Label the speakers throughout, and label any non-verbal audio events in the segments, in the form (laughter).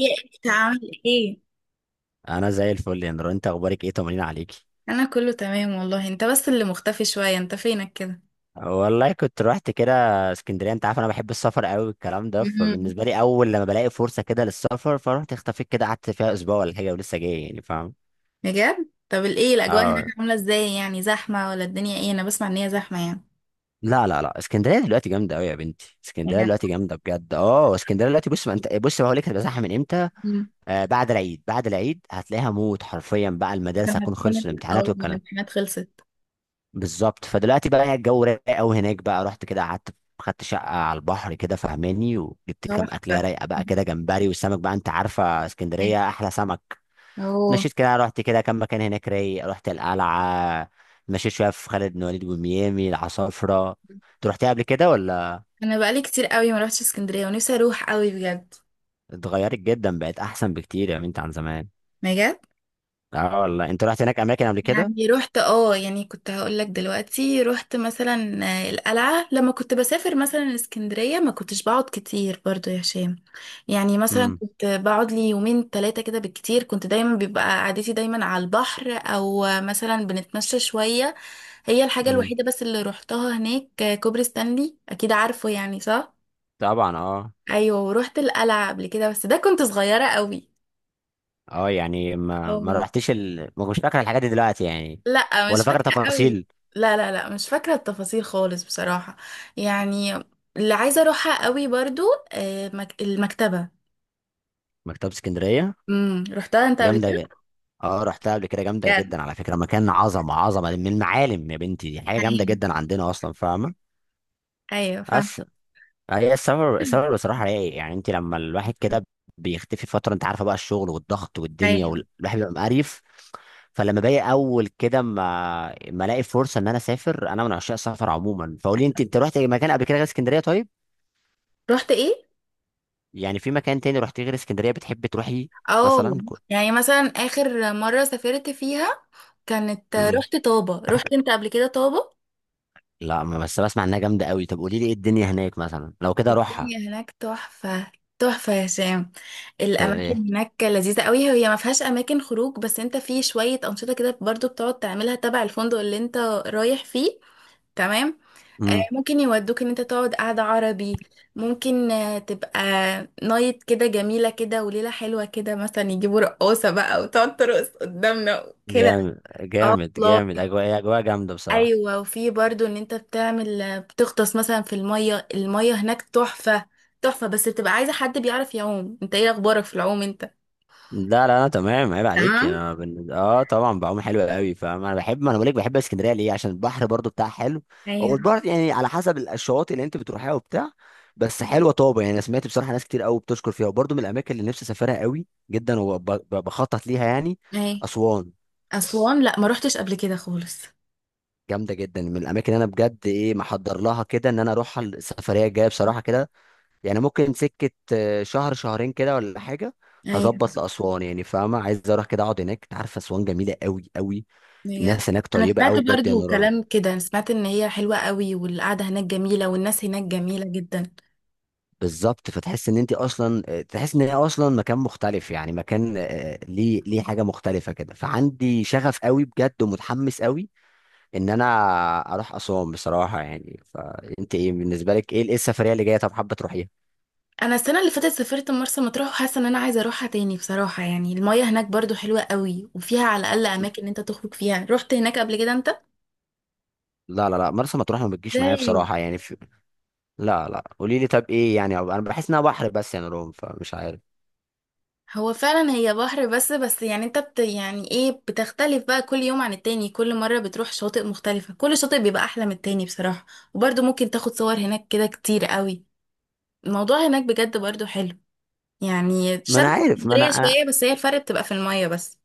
Speaker 1: ايه، انت عامل ايه؟
Speaker 2: انا زي الفل يا نور، انت اخبارك ايه؟ طمنين عليكي.
Speaker 1: انا كله تمام والله، انت بس اللي مختفي شوية، انت فينك كده؟
Speaker 2: والله كنت رحت كده اسكندريه. انت عارف انا بحب السفر قوي والكلام ده،
Speaker 1: مم.
Speaker 2: فبالنسبه لي اول لما بلاقي فرصه كده للسفر فرحت اختفيت كده، قعدت فيها اسبوع ولا حاجه ولسه جاي يعني فاهم.
Speaker 1: بجد؟ طب الايه الاجواء هناك
Speaker 2: اه.
Speaker 1: عاملة ازاي؟ يعني زحمة ولا الدنيا ايه؟ انا بسمع ان هي زحمة. يعني
Speaker 2: لا لا لا، اسكندريه دلوقتي جامده قوي يا بنتي، اسكندريه
Speaker 1: يعني
Speaker 2: دلوقتي جامده بجد. اه اسكندريه دلوقتي بص، ما انت بص بقول لك هتبقى زحمه من امتى؟
Speaker 1: مم.
Speaker 2: آه، بعد العيد بعد العيد هتلاقيها موت حرفيا بقى، المدارس
Speaker 1: عشان
Speaker 2: هتكون
Speaker 1: هتكون
Speaker 2: خلصت الامتحانات والكلام.
Speaker 1: الامتحانات خلصت.
Speaker 2: بالظبط، فدلوقتي بقى يعني الجو رايق قوي هناك بقى. رحت كده قعدت خدت شقه على البحر كده فهماني، وجبت كام اكليه
Speaker 1: تحفة.
Speaker 2: رايقه بقى كده، جمبري والسمك بقى، انت عارفه اسكندريه احلى سمك.
Speaker 1: اوه.
Speaker 2: مشيت كده رحت كده كام مكان هناك رايق، رحت القلعه، مشيت شويه في خالد بن وليد وميامي العصافره. انت رحتيها قبل كده ولا؟
Speaker 1: انا بقالي كتير قوي ما روحتش اسكندرية ونفسي اروح قوي بجد.
Speaker 2: اتغيرت جدا، بقت احسن بكتير يا بنت عن زمان.
Speaker 1: بجد.
Speaker 2: اه والله، انت رحت هناك اماكن قبل كده؟
Speaker 1: يعني رحت، اه يعني كنت هقول لك دلوقتي رحت مثلا آه، القلعة. لما كنت بسافر مثلا اسكندرية ما كنتش بقعد كتير برضو يا هشام، يعني مثلا
Speaker 2: امم.
Speaker 1: كنت بقعد لي يومين ثلاثة كده بالكتير، كنت دايما بيبقى قعدتي دايما على البحر، او آه، مثلا بنتمشى شوية. هي الحاجة
Speaker 2: امم.
Speaker 1: الوحيدة بس اللي روحتها هناك آه، كوبري ستانلي، اكيد عارفه يعني، صح؟
Speaker 2: طبعا اه.
Speaker 1: ايوه، ورحت القلعة قبل كده، بس ده كنت صغيرة قوي.
Speaker 2: اه يعني ما
Speaker 1: اه.
Speaker 2: رحتش ما كنتش فاكر الحاجات دي دلوقتي يعني،
Speaker 1: لا، مش
Speaker 2: ولا فاكر
Speaker 1: فاكرة قوي.
Speaker 2: تفاصيل.
Speaker 1: لا لا لا، مش فاكرة التفاصيل خالص بصراحة. يعني اللي عايزة اروحها قوي برضو آه، المكتبة.
Speaker 2: مكتبة اسكندرية
Speaker 1: امم، رحتها انت قبل
Speaker 2: جامدة جدا.
Speaker 1: كده؟
Speaker 2: اه رحتها قبل كده جامدة
Speaker 1: بجد؟
Speaker 2: جدا على فكرة، مكان عظمة عظمة من المعالم يا بنتي، دي حاجة جامدة
Speaker 1: ايوه.
Speaker 2: جدا عندنا اصلا فاهمة.
Speaker 1: ايوه فاهم.
Speaker 2: بس هي السبب بصراحة رايق، يعني انت لما الواحد كده بيختفي فترة انت عارفة بقى الشغل والضغط والدنيا
Speaker 1: ايوه.
Speaker 2: والواحد بيبقى مقريف. فلما باجي اول كده ما الاقي فرصة ان انا اسافر، انا من عشاق السفر عموما. فقولي انت رحت مكان قبل كده غير اسكندرية طيب؟
Speaker 1: رحت ايه؟
Speaker 2: يعني في مكان تاني رحتيه غير اسكندريه بتحبي تروحي؟
Speaker 1: اه
Speaker 2: مثلا
Speaker 1: يعني مثلا اخر مرة سافرت فيها كانت
Speaker 2: مم.
Speaker 1: رحت طابة، رحت انت قبل كده طابة؟
Speaker 2: لا بس بسمع انها جامده قوي. طب قولي لي ايه الدنيا هناك مثلا لو كده اروحها؟
Speaker 1: الدنيا هناك تحفة. تحفة يا هشام.
Speaker 2: طب ايه؟
Speaker 1: الأماكن هناك لذيذة قوي. هي ما فيهاش أماكن خروج، بس أنت في شوية أنشطة كده برضو بتقعد تعملها تبع الفندق اللي أنت رايح فيه. تمام. آه،
Speaker 2: مم.
Speaker 1: ممكن يودوك ان انت تقعد قعدة عربي. ممكن آه، تبقى نايت كده جميلة كده وليلة حلوة كده، مثلا يجيبوا رقاصة بقى وتقعد ترقص قدامنا كده.
Speaker 2: جامد
Speaker 1: اه
Speaker 2: جامد
Speaker 1: والله.
Speaker 2: جامد، اجواء اجواء جامده بصراحه.
Speaker 1: ايوه، وفي برضو ان انت بتعمل بتغطس مثلا في الميه، الميه هناك تحفه. تحفه، بس بتبقى عايزه حد بيعرف يعوم، انت ايه اخبارك في العوم انت؟
Speaker 2: لا لا لا تمام، عيب عليك يعني.
Speaker 1: تمام.
Speaker 2: انا اه طبعا بعوم حلو قوي فاهم. انا بحب، ما انا بقول لك، بحب اسكندريه ليه؟ عشان البحر برضو بتاعها حلو. هو
Speaker 1: ايوه.
Speaker 2: البحر يعني على حسب الشواطئ اللي انت بتروحيها وبتاع. بس حلوه طابه يعني، انا سمعت بصراحه ناس كتير قوي بتشكر فيها، وبرضو من الاماكن اللي نفسي اسافرها قوي جدا، وبخطط ليها يعني.
Speaker 1: اهي.
Speaker 2: اسوان
Speaker 1: اسوان؟ لا، ما روحتش قبل كده خالص.
Speaker 2: جامده جدا، من الاماكن اللي انا بجد ايه محضر لها كده ان انا اروح السفريه الجايه بصراحه كده. يعني ممكن سكة شهر شهرين كده ولا حاجة.
Speaker 1: ايوه.
Speaker 2: هظبط لأسوان يعني فاهمة، عايز أروح كده أقعد هناك. أنت عارفة أسوان جميلة أوي أوي،
Speaker 1: بجد.
Speaker 2: الناس هناك
Speaker 1: انا
Speaker 2: طيبة
Speaker 1: سمعت
Speaker 2: أوي بجد يا
Speaker 1: برضو
Speaker 2: نوران.
Speaker 1: كلام كده، أنا سمعت ان هي حلوه قوي والقعده هناك جميله والناس هناك جميله جدا.
Speaker 2: بالظبط، فتحس إن أنت أصلا تحس إن هي أصلا مكان مختلف يعني، مكان ليه حاجة مختلفة كده. فعندي شغف أوي بجد ومتحمس أوي إن أنا أروح أسوان بصراحة يعني. فأنت إيه بالنسبة لك، إيه السفرية اللي جاية؟ طب حابة تروحيها؟
Speaker 1: انا السنه اللي فاتت سافرت مرسى مطروح وحاسه ان انا عايزه اروحها تاني بصراحه، يعني الميه هناك برضو حلوه قوي وفيها على الاقل اماكن إن انت تخرج فيها. رحت هناك قبل كده انت؟
Speaker 2: لا لا لا، مرسى مطروح ما بتجيش معايا
Speaker 1: ازاي؟
Speaker 2: بصراحة يعني. لا لا، قولي لي. طب ايه يعني؟ انا بحس انها بحر بس يا نوران، فمش عارف.
Speaker 1: هو فعلا هي بحر بس، بس يعني انت يعني ايه، بتختلف بقى كل يوم عن التاني، كل مرة بتروح شاطئ مختلفة، كل شاطئ بيبقى احلى من التاني بصراحة. وبرضه ممكن تاخد صور هناك كده كتير قوي. الموضوع هناك بجد برضه حلو، يعني
Speaker 2: ما انا
Speaker 1: شبه
Speaker 2: عارف، ما انا
Speaker 1: اسكندرية
Speaker 2: انا
Speaker 1: شوية، بس هي الفرق بتبقى في المية بس.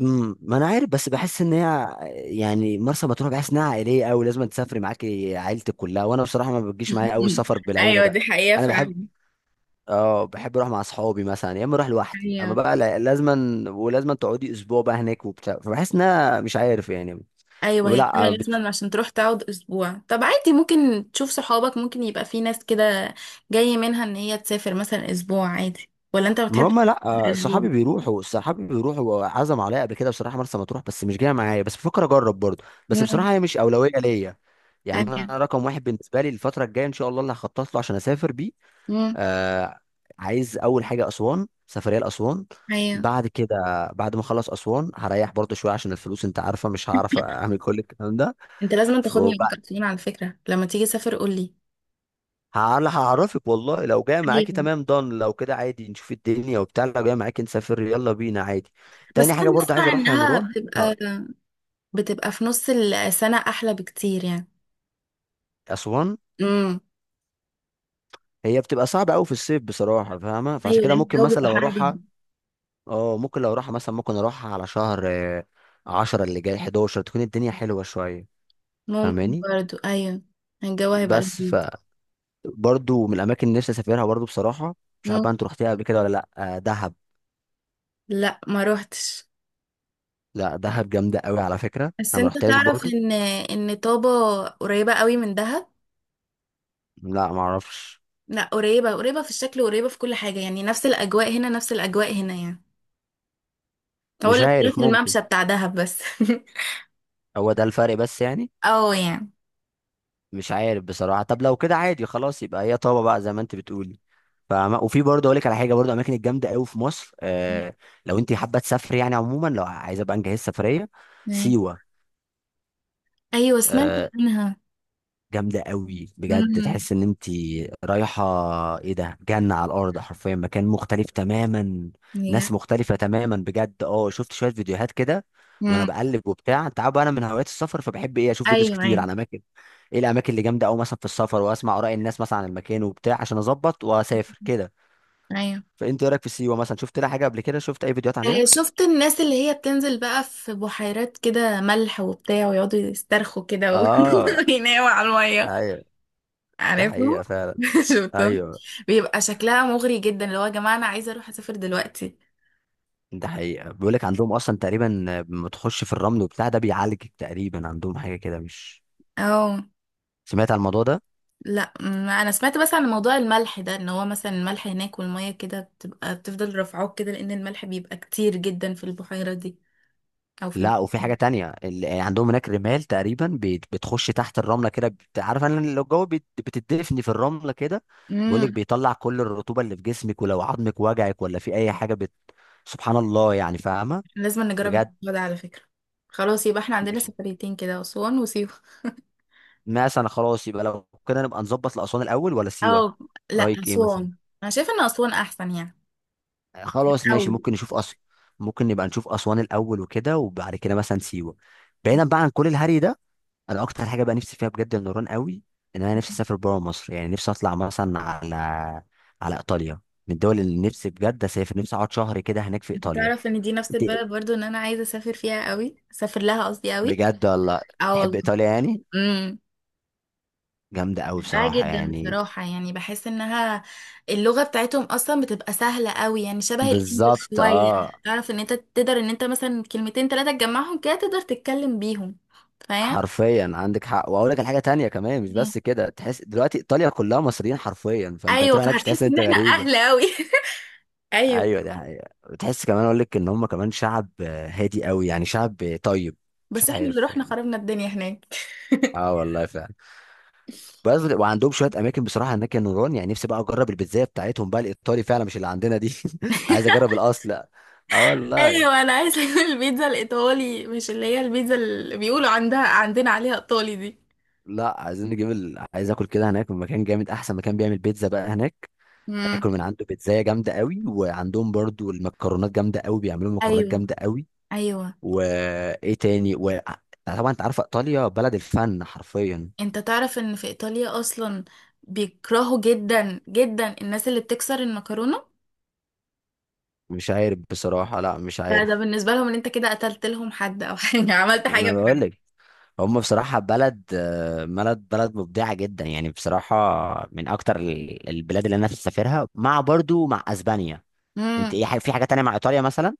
Speaker 2: ما انا عارف، بس بحس ان هي يعني مرسى مطروح بحس انها عائليه قوي، لازم تسافري معاكي عيلتك كلها، وانا بصراحه ما بتجيش معايا قوي
Speaker 1: (laughs)
Speaker 2: السفر بالعيله
Speaker 1: ايوه،
Speaker 2: ده.
Speaker 1: دي حقيقة
Speaker 2: انا بحب،
Speaker 1: فعلا.
Speaker 2: اه بحب اروح مع اصحابي مثلا، يا اما اروح لوحدي.
Speaker 1: ايوه
Speaker 2: اما بقى لازما ولازما تقعدي اسبوع بقى هناك وبتاع، فبحس انها مش عارف يعني.
Speaker 1: ايوه، هي
Speaker 2: لا،
Speaker 1: فعلا لازم عشان تروح تقعد اسبوع. طب عادي، ممكن تشوف صحابك، ممكن يبقى في ناس كده جاي منها ان هي تسافر مثلا اسبوع عادي، ولا انت ما
Speaker 2: ما
Speaker 1: بتحبش
Speaker 2: هم
Speaker 1: تسافر
Speaker 2: لا، صحابي
Speaker 1: اسبوع؟
Speaker 2: بيروحوا، صحابي بيروحوا وعزم عليا قبل كده بصراحه مرسى مطروح، بس مش جايه معايا. بس بفكر اجرب برضه، بس
Speaker 1: امم.
Speaker 2: بصراحه هي مش اولويه ليا. يعني
Speaker 1: ايوه.
Speaker 2: انا رقم واحد بالنسبه لي الفتره الجايه ان شاء الله اللي هخطط له عشان اسافر بيه،
Speaker 1: امم.
Speaker 2: آه، عايز اول حاجه اسوان، سفريه لاسوان.
Speaker 1: ايوه،
Speaker 2: بعد كده، بعد ما اخلص اسوان هريح برضه شويه عشان الفلوس انت عارفه، مش هعرف اعمل كل الكلام ده.
Speaker 1: انت لازم تاخدني معاك اقليم على فكرة لما تيجي تسافر قولي.
Speaker 2: هعرفك والله، لو جاي معاكي
Speaker 1: ايوه.
Speaker 2: تمام، ضن لو كده عادي نشوف الدنيا وبتاع، لو جاي معاكي نسافر يلا بينا عادي.
Speaker 1: بس
Speaker 2: تاني
Speaker 1: انا
Speaker 2: حاجة برضه عايز
Speaker 1: بسمع
Speaker 2: اروحها يا
Speaker 1: انها
Speaker 2: نوران،
Speaker 1: بتبقى، بتبقى في نص السنة احلى بكتير يعني.
Speaker 2: اسوان
Speaker 1: امم.
Speaker 2: هي بتبقى صعبة قوي في الصيف بصراحة فاهمة، فعشان
Speaker 1: ايوه،
Speaker 2: كده
Speaker 1: لان
Speaker 2: ممكن
Speaker 1: الجو
Speaker 2: مثلا
Speaker 1: بيبقى
Speaker 2: لو
Speaker 1: حر
Speaker 2: اروحها،
Speaker 1: جدا.
Speaker 2: اه ممكن لو اروحها مثلا، ممكن اروحها على شهر عشرة اللي جاي 11 تكون الدنيا حلوة شوية
Speaker 1: ممكن
Speaker 2: فاهماني.
Speaker 1: برضو ايوه. الجو هيبقى
Speaker 2: بس ف
Speaker 1: لذيذ.
Speaker 2: برضه من الاماكن اللي نفسي اسافرها برضه بصراحة، مش عارف
Speaker 1: امم.
Speaker 2: بقى انت رحتيها قبل كده ولا لا، دهب.
Speaker 1: لا، ما روحتش.
Speaker 2: لا دهب جامدة قوي على فكرة.
Speaker 1: بس
Speaker 2: انا ما
Speaker 1: انت
Speaker 2: رحتهاش
Speaker 1: تعرف
Speaker 2: برضه.
Speaker 1: ان طابة قريبة قوي من دهب.
Speaker 2: لا ما اعرفش.
Speaker 1: لا قريبة، قريبة في الشكل، قريبة في كل حاجة، يعني نفس الاجواء هنا، نفس الاجواء هنا يعني. هو
Speaker 2: مش
Speaker 1: اللي اختلاف
Speaker 2: عارف ممكن.
Speaker 1: الممشى بتاع دهب بس. (laughs)
Speaker 2: هو ده الفرق بس يعني.
Speaker 1: اه يعني
Speaker 2: مش عارف بصراحة، طب لو كده عادي خلاص، يبقى هي طابة بقى زي ما انت بتقولي. فما وفي برضه اقول لك على حاجة، برضه اماكن الجامدة قوي في مصر آه، لو انت حابة تسافري يعني عموما، لو عايزة بقى نجهز سفرية،
Speaker 1: أي-
Speaker 2: سيوة.
Speaker 1: ايوه، سمعت
Speaker 2: آه
Speaker 1: عنها.
Speaker 2: جامدة قوي بجد،
Speaker 1: امم.
Speaker 2: تحس ان انت رايحة ايه ده، جنة على الارض حرفيا، مكان مختلف تماما،
Speaker 1: بجد.
Speaker 2: ناس مختلفة تماما بجد. اه شفت شوية فيديوهات كده، وانا
Speaker 1: امم.
Speaker 2: بقلب وبتاع، انت عارف بقى انا من هوايات السفر فبحب ايه، اشوف فيديوز
Speaker 1: ايوه.
Speaker 2: كتير
Speaker 1: ايوه.
Speaker 2: عن اماكن، ايه الاماكن اللي جامدة قوي مثلا في السفر، واسمع اراء الناس مثلا عن المكان وبتاع عشان اظبط واسافر كده.
Speaker 1: ايوه
Speaker 2: فانت ايه رايك في سيوة مثلا؟ شفت لها حاجة قبل كده؟ شفت اي فيديوهات عليها؟
Speaker 1: آه، شفت الناس اللي هي بتنزل بقى في بحيرات كده ملح وبتاع ويقعدوا يسترخوا كده
Speaker 2: اه.
Speaker 1: (laughs) ويناموا على الميه.
Speaker 2: ايوه ده
Speaker 1: عارفه.
Speaker 2: حقيقة فعلا.
Speaker 1: (laughs) شفتهم.
Speaker 2: ايوه
Speaker 1: بيبقى شكلها مغري جدا، اللي هو يا جماعه انا عايزه اروح اسافر دلوقتي.
Speaker 2: ده حقيقة، بيقول لك عندهم أصلا تقريبا لما تخش في الرمل وبتاع ده بيعالج تقريبا، عندهم حاجة كده مش،
Speaker 1: اه.
Speaker 2: سمعت عن الموضوع ده؟
Speaker 1: لا، ما انا سمعت بس عن موضوع الملح ده، ان هو مثلا الملح هناك والميه كده بتبقى بتفضل رافعاك كده، لان الملح بيبقى كتير جدا في البحيره دي او في
Speaker 2: لا وفي
Speaker 1: البحر.
Speaker 2: حاجة تانية عندهم هناك رمال تقريبا بتخش تحت الرملة كده عارف، أنا لو الجو بتدفني في الرملة كده، بيقول لك
Speaker 1: امم.
Speaker 2: بيطلع كل الرطوبة اللي في جسمك، ولو عظمك وجعك ولا في أي حاجة سبحان الله يعني فاهمة؟
Speaker 1: لازم نجرب
Speaker 2: بجد
Speaker 1: الموضوع ده على فكرة. خلاص، يبقى احنا عندنا
Speaker 2: مش،
Speaker 1: سفريتين كده، أسوان وسيوة. (laughs)
Speaker 2: مثلا خلاص يبقى لو كده نبقى نظبط لأسوان الأول ولا سيوة؟
Speaker 1: أو لا،
Speaker 2: رأيك إيه مثلا؟
Speaker 1: أسوان. أنا شايفة إن أسوان أحسن يعني.
Speaker 2: خلاص ماشي،
Speaker 1: الأول.
Speaker 2: ممكن نشوف ممكن نبقى نشوف أسوان الأول وكده، وبعد كده مثلا سيوة. بعيدا بقى عن كل الهري ده، أنا أكتر حاجة بقى نفسي فيها بجد من نوران قوي إن أنا نفسي أسافر بره مصر يعني، نفسي أطلع مثلا على على إيطاليا، من الدول اللي نفسي بجد أسافر، نفسي أقعد شهر كده هناك في
Speaker 1: أنت
Speaker 2: إيطاليا.
Speaker 1: تعرف إن دي نفس
Speaker 2: أنت
Speaker 1: البلد برضو إن أنا عايزة أسافر فيها قوي، أسافر لها قصدي قوي.
Speaker 2: بجد والله
Speaker 1: أه
Speaker 2: تحب
Speaker 1: والله.
Speaker 2: إيطاليا يعني؟
Speaker 1: امم.
Speaker 2: جامدة قوي
Speaker 1: بحبها
Speaker 2: بصراحة
Speaker 1: جدا
Speaker 2: يعني.
Speaker 1: بصراحة، يعني بحس إنها، اللغة بتاعتهم أصلا بتبقى سهلة قوي يعني، شبه الإنجليش
Speaker 2: بالظبط
Speaker 1: شوية.
Speaker 2: أه،
Speaker 1: تعرف إن أنت تقدر إن أنت مثلا كلمتين تلاتة تجمعهم كده تقدر تتكلم بيهم، فاهم؟
Speaker 2: حرفيا عندك حق. واقول لك الحاجه تانية كمان، مش بس كده، تحس دلوقتي ايطاليا كلها مصريين حرفيا، فانت
Speaker 1: ايوه،
Speaker 2: هتروح هناك مش
Speaker 1: فهتحس
Speaker 2: تحس ان
Speaker 1: ان
Speaker 2: انت
Speaker 1: احنا
Speaker 2: غريب.
Speaker 1: اهل قوي. (laughs) ايوه.
Speaker 2: ايوه ده حقيقة. بتحس كمان اقول لك ان هم كمان شعب هادي قوي، يعني شعب طيب. مش
Speaker 1: بس احنا اللي
Speaker 2: عارف
Speaker 1: رحنا
Speaker 2: يعني.
Speaker 1: خربنا الدنيا هناك.
Speaker 2: اه
Speaker 1: (laughs)
Speaker 2: والله فعلا. بس وعندهم شويه اماكن بصراحه هناك يا نوران، يعني نفسي بقى اجرب البيتزا بتاعتهم بقى الايطالي فعلا مش اللي عندنا دي (laughs) عايز اجرب الاصل. اه والله.
Speaker 1: ايوه، انا عايزه اكل البيتزا الايطالي، مش اللي هي البيتزا اللي بيقولوا عندها عندنا عليها ايطالي دي.
Speaker 2: لا عايزين نجيب عايز اكل كده هناك من مكان جامد، احسن مكان بيعمل بيتزا بقى هناك، اكل
Speaker 1: امم.
Speaker 2: من عنده بيتزا جامده قوي. وعندهم برضو المكرونات جامده قوي، بيعملوا مكرونات
Speaker 1: ايوه.
Speaker 2: جامده قوي.
Speaker 1: ايوه.
Speaker 2: وايه تاني و... طبعا انت عارفه ايطاليا بلد الفن حرفيا.
Speaker 1: انت تعرف ان في ايطاليا اصلا بيكرهوا جدا جدا الناس اللي بتكسر المكرونه؟
Speaker 2: مش عارف بصراحة، لا مش
Speaker 1: ده ده
Speaker 2: عارف.
Speaker 1: بالنسبه لهم ان انت كده قتلت لهم حد او حاجه. (laughs) عملت
Speaker 2: انا
Speaker 1: حاجه.
Speaker 2: بقول لك هم بصراحة بلد بلد مبدعة جدا يعني بصراحة، من اكتر البلاد اللي انا نفسي اسافرها، مع برضو مع اسبانيا. انت
Speaker 1: بحد.
Speaker 2: ايه في حاجة تانية مع ايطاليا مثلا؟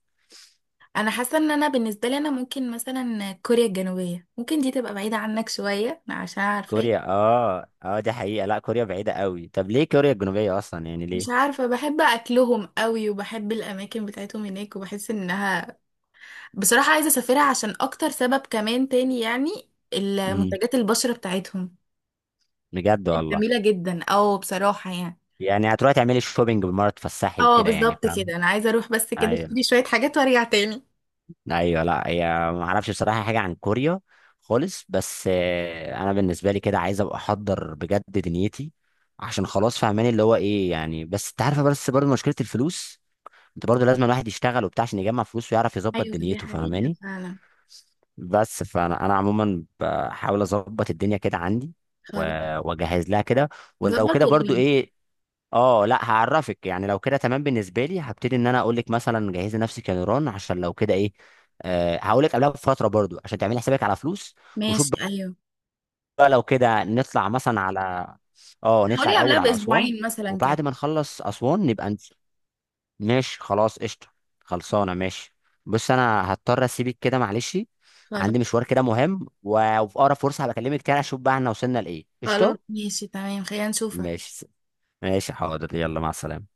Speaker 1: انا حاسه ان انا بالنسبه لي انا ممكن مثلا كوريا الجنوبيه، ممكن دي تبقى بعيده عنك شويه، عشان عارفه
Speaker 2: كوريا، اه اه دي حقيقة، لا كوريا بعيدة قوي، طب ليه كوريا الجنوبية اصلا يعني
Speaker 1: مش
Speaker 2: ليه؟
Speaker 1: عارفه، بحب اكلهم قوي وبحب الاماكن بتاعتهم هناك، وبحس انها بصراحه عايزه اسافرها عشان اكتر سبب كمان تاني يعني،
Speaker 2: امم.
Speaker 1: المنتجات البشره بتاعتهم
Speaker 2: بجد والله.
Speaker 1: جميله جدا او بصراحه يعني.
Speaker 2: يعني هتروحي تعملي شوبينج بالمرة، تفسحي
Speaker 1: اه
Speaker 2: وكده يعني
Speaker 1: بالظبط
Speaker 2: فاهم.
Speaker 1: كده، انا عايزه اروح بس كده
Speaker 2: ايوه
Speaker 1: اشتري شويه حاجات وارجع تاني.
Speaker 2: ايوه لا هي، ما اعرفش بصراحه حاجه عن كوريا خالص، بس انا بالنسبه لي كده عايز ابقى احضر بجد دنيتي، عشان خلاص فاهماني اللي هو ايه يعني. بس انت عارفه بس برضه مشكله الفلوس، انت برضه لازم الواحد يشتغل وبتاع عشان يجمع فلوس ويعرف يظبط
Speaker 1: ايوه، دي
Speaker 2: دنيته
Speaker 1: حقيقه
Speaker 2: فاهماني.
Speaker 1: فعلا.
Speaker 2: بس فانا انا عموما بحاول اظبط الدنيا كده عندي
Speaker 1: خلاص.
Speaker 2: و- واجهز لها كده. ولو
Speaker 1: ظبط
Speaker 2: كده برضو
Speaker 1: وقولي.
Speaker 2: ايه، اه لا هعرفك يعني لو كده تمام، بالنسبه لي هبتدي ان انا اقول لك مثلا جهزي نفسك يا نيران عشان لو كده ايه، أه هقول لك قبلها بفتره برضو عشان تعملي حسابك على فلوس وشوف
Speaker 1: ماشي ايوه.
Speaker 2: بقى، لو كده نطلع مثلا على اه، نطلع
Speaker 1: هقولي قبلها
Speaker 2: الاول على اسوان،
Speaker 1: باسبوعين مثلا كده.
Speaker 2: وبعد ما نخلص اسوان نبقى ماشي خلاص قشطه، خلصانه ماشي. بص انا هضطر اسيبك كده معلش،
Speaker 1: خلاص.
Speaker 2: عندي مشوار كده مهم وفي اقرب فرصه هبكلمك تاني، اشوف بقى احنا وصلنا لايه
Speaker 1: خلاص
Speaker 2: قشطه.
Speaker 1: ماشي تمام، خلينا نشوف.
Speaker 2: ماشي. ماشي حاضر يلا مع السلامه.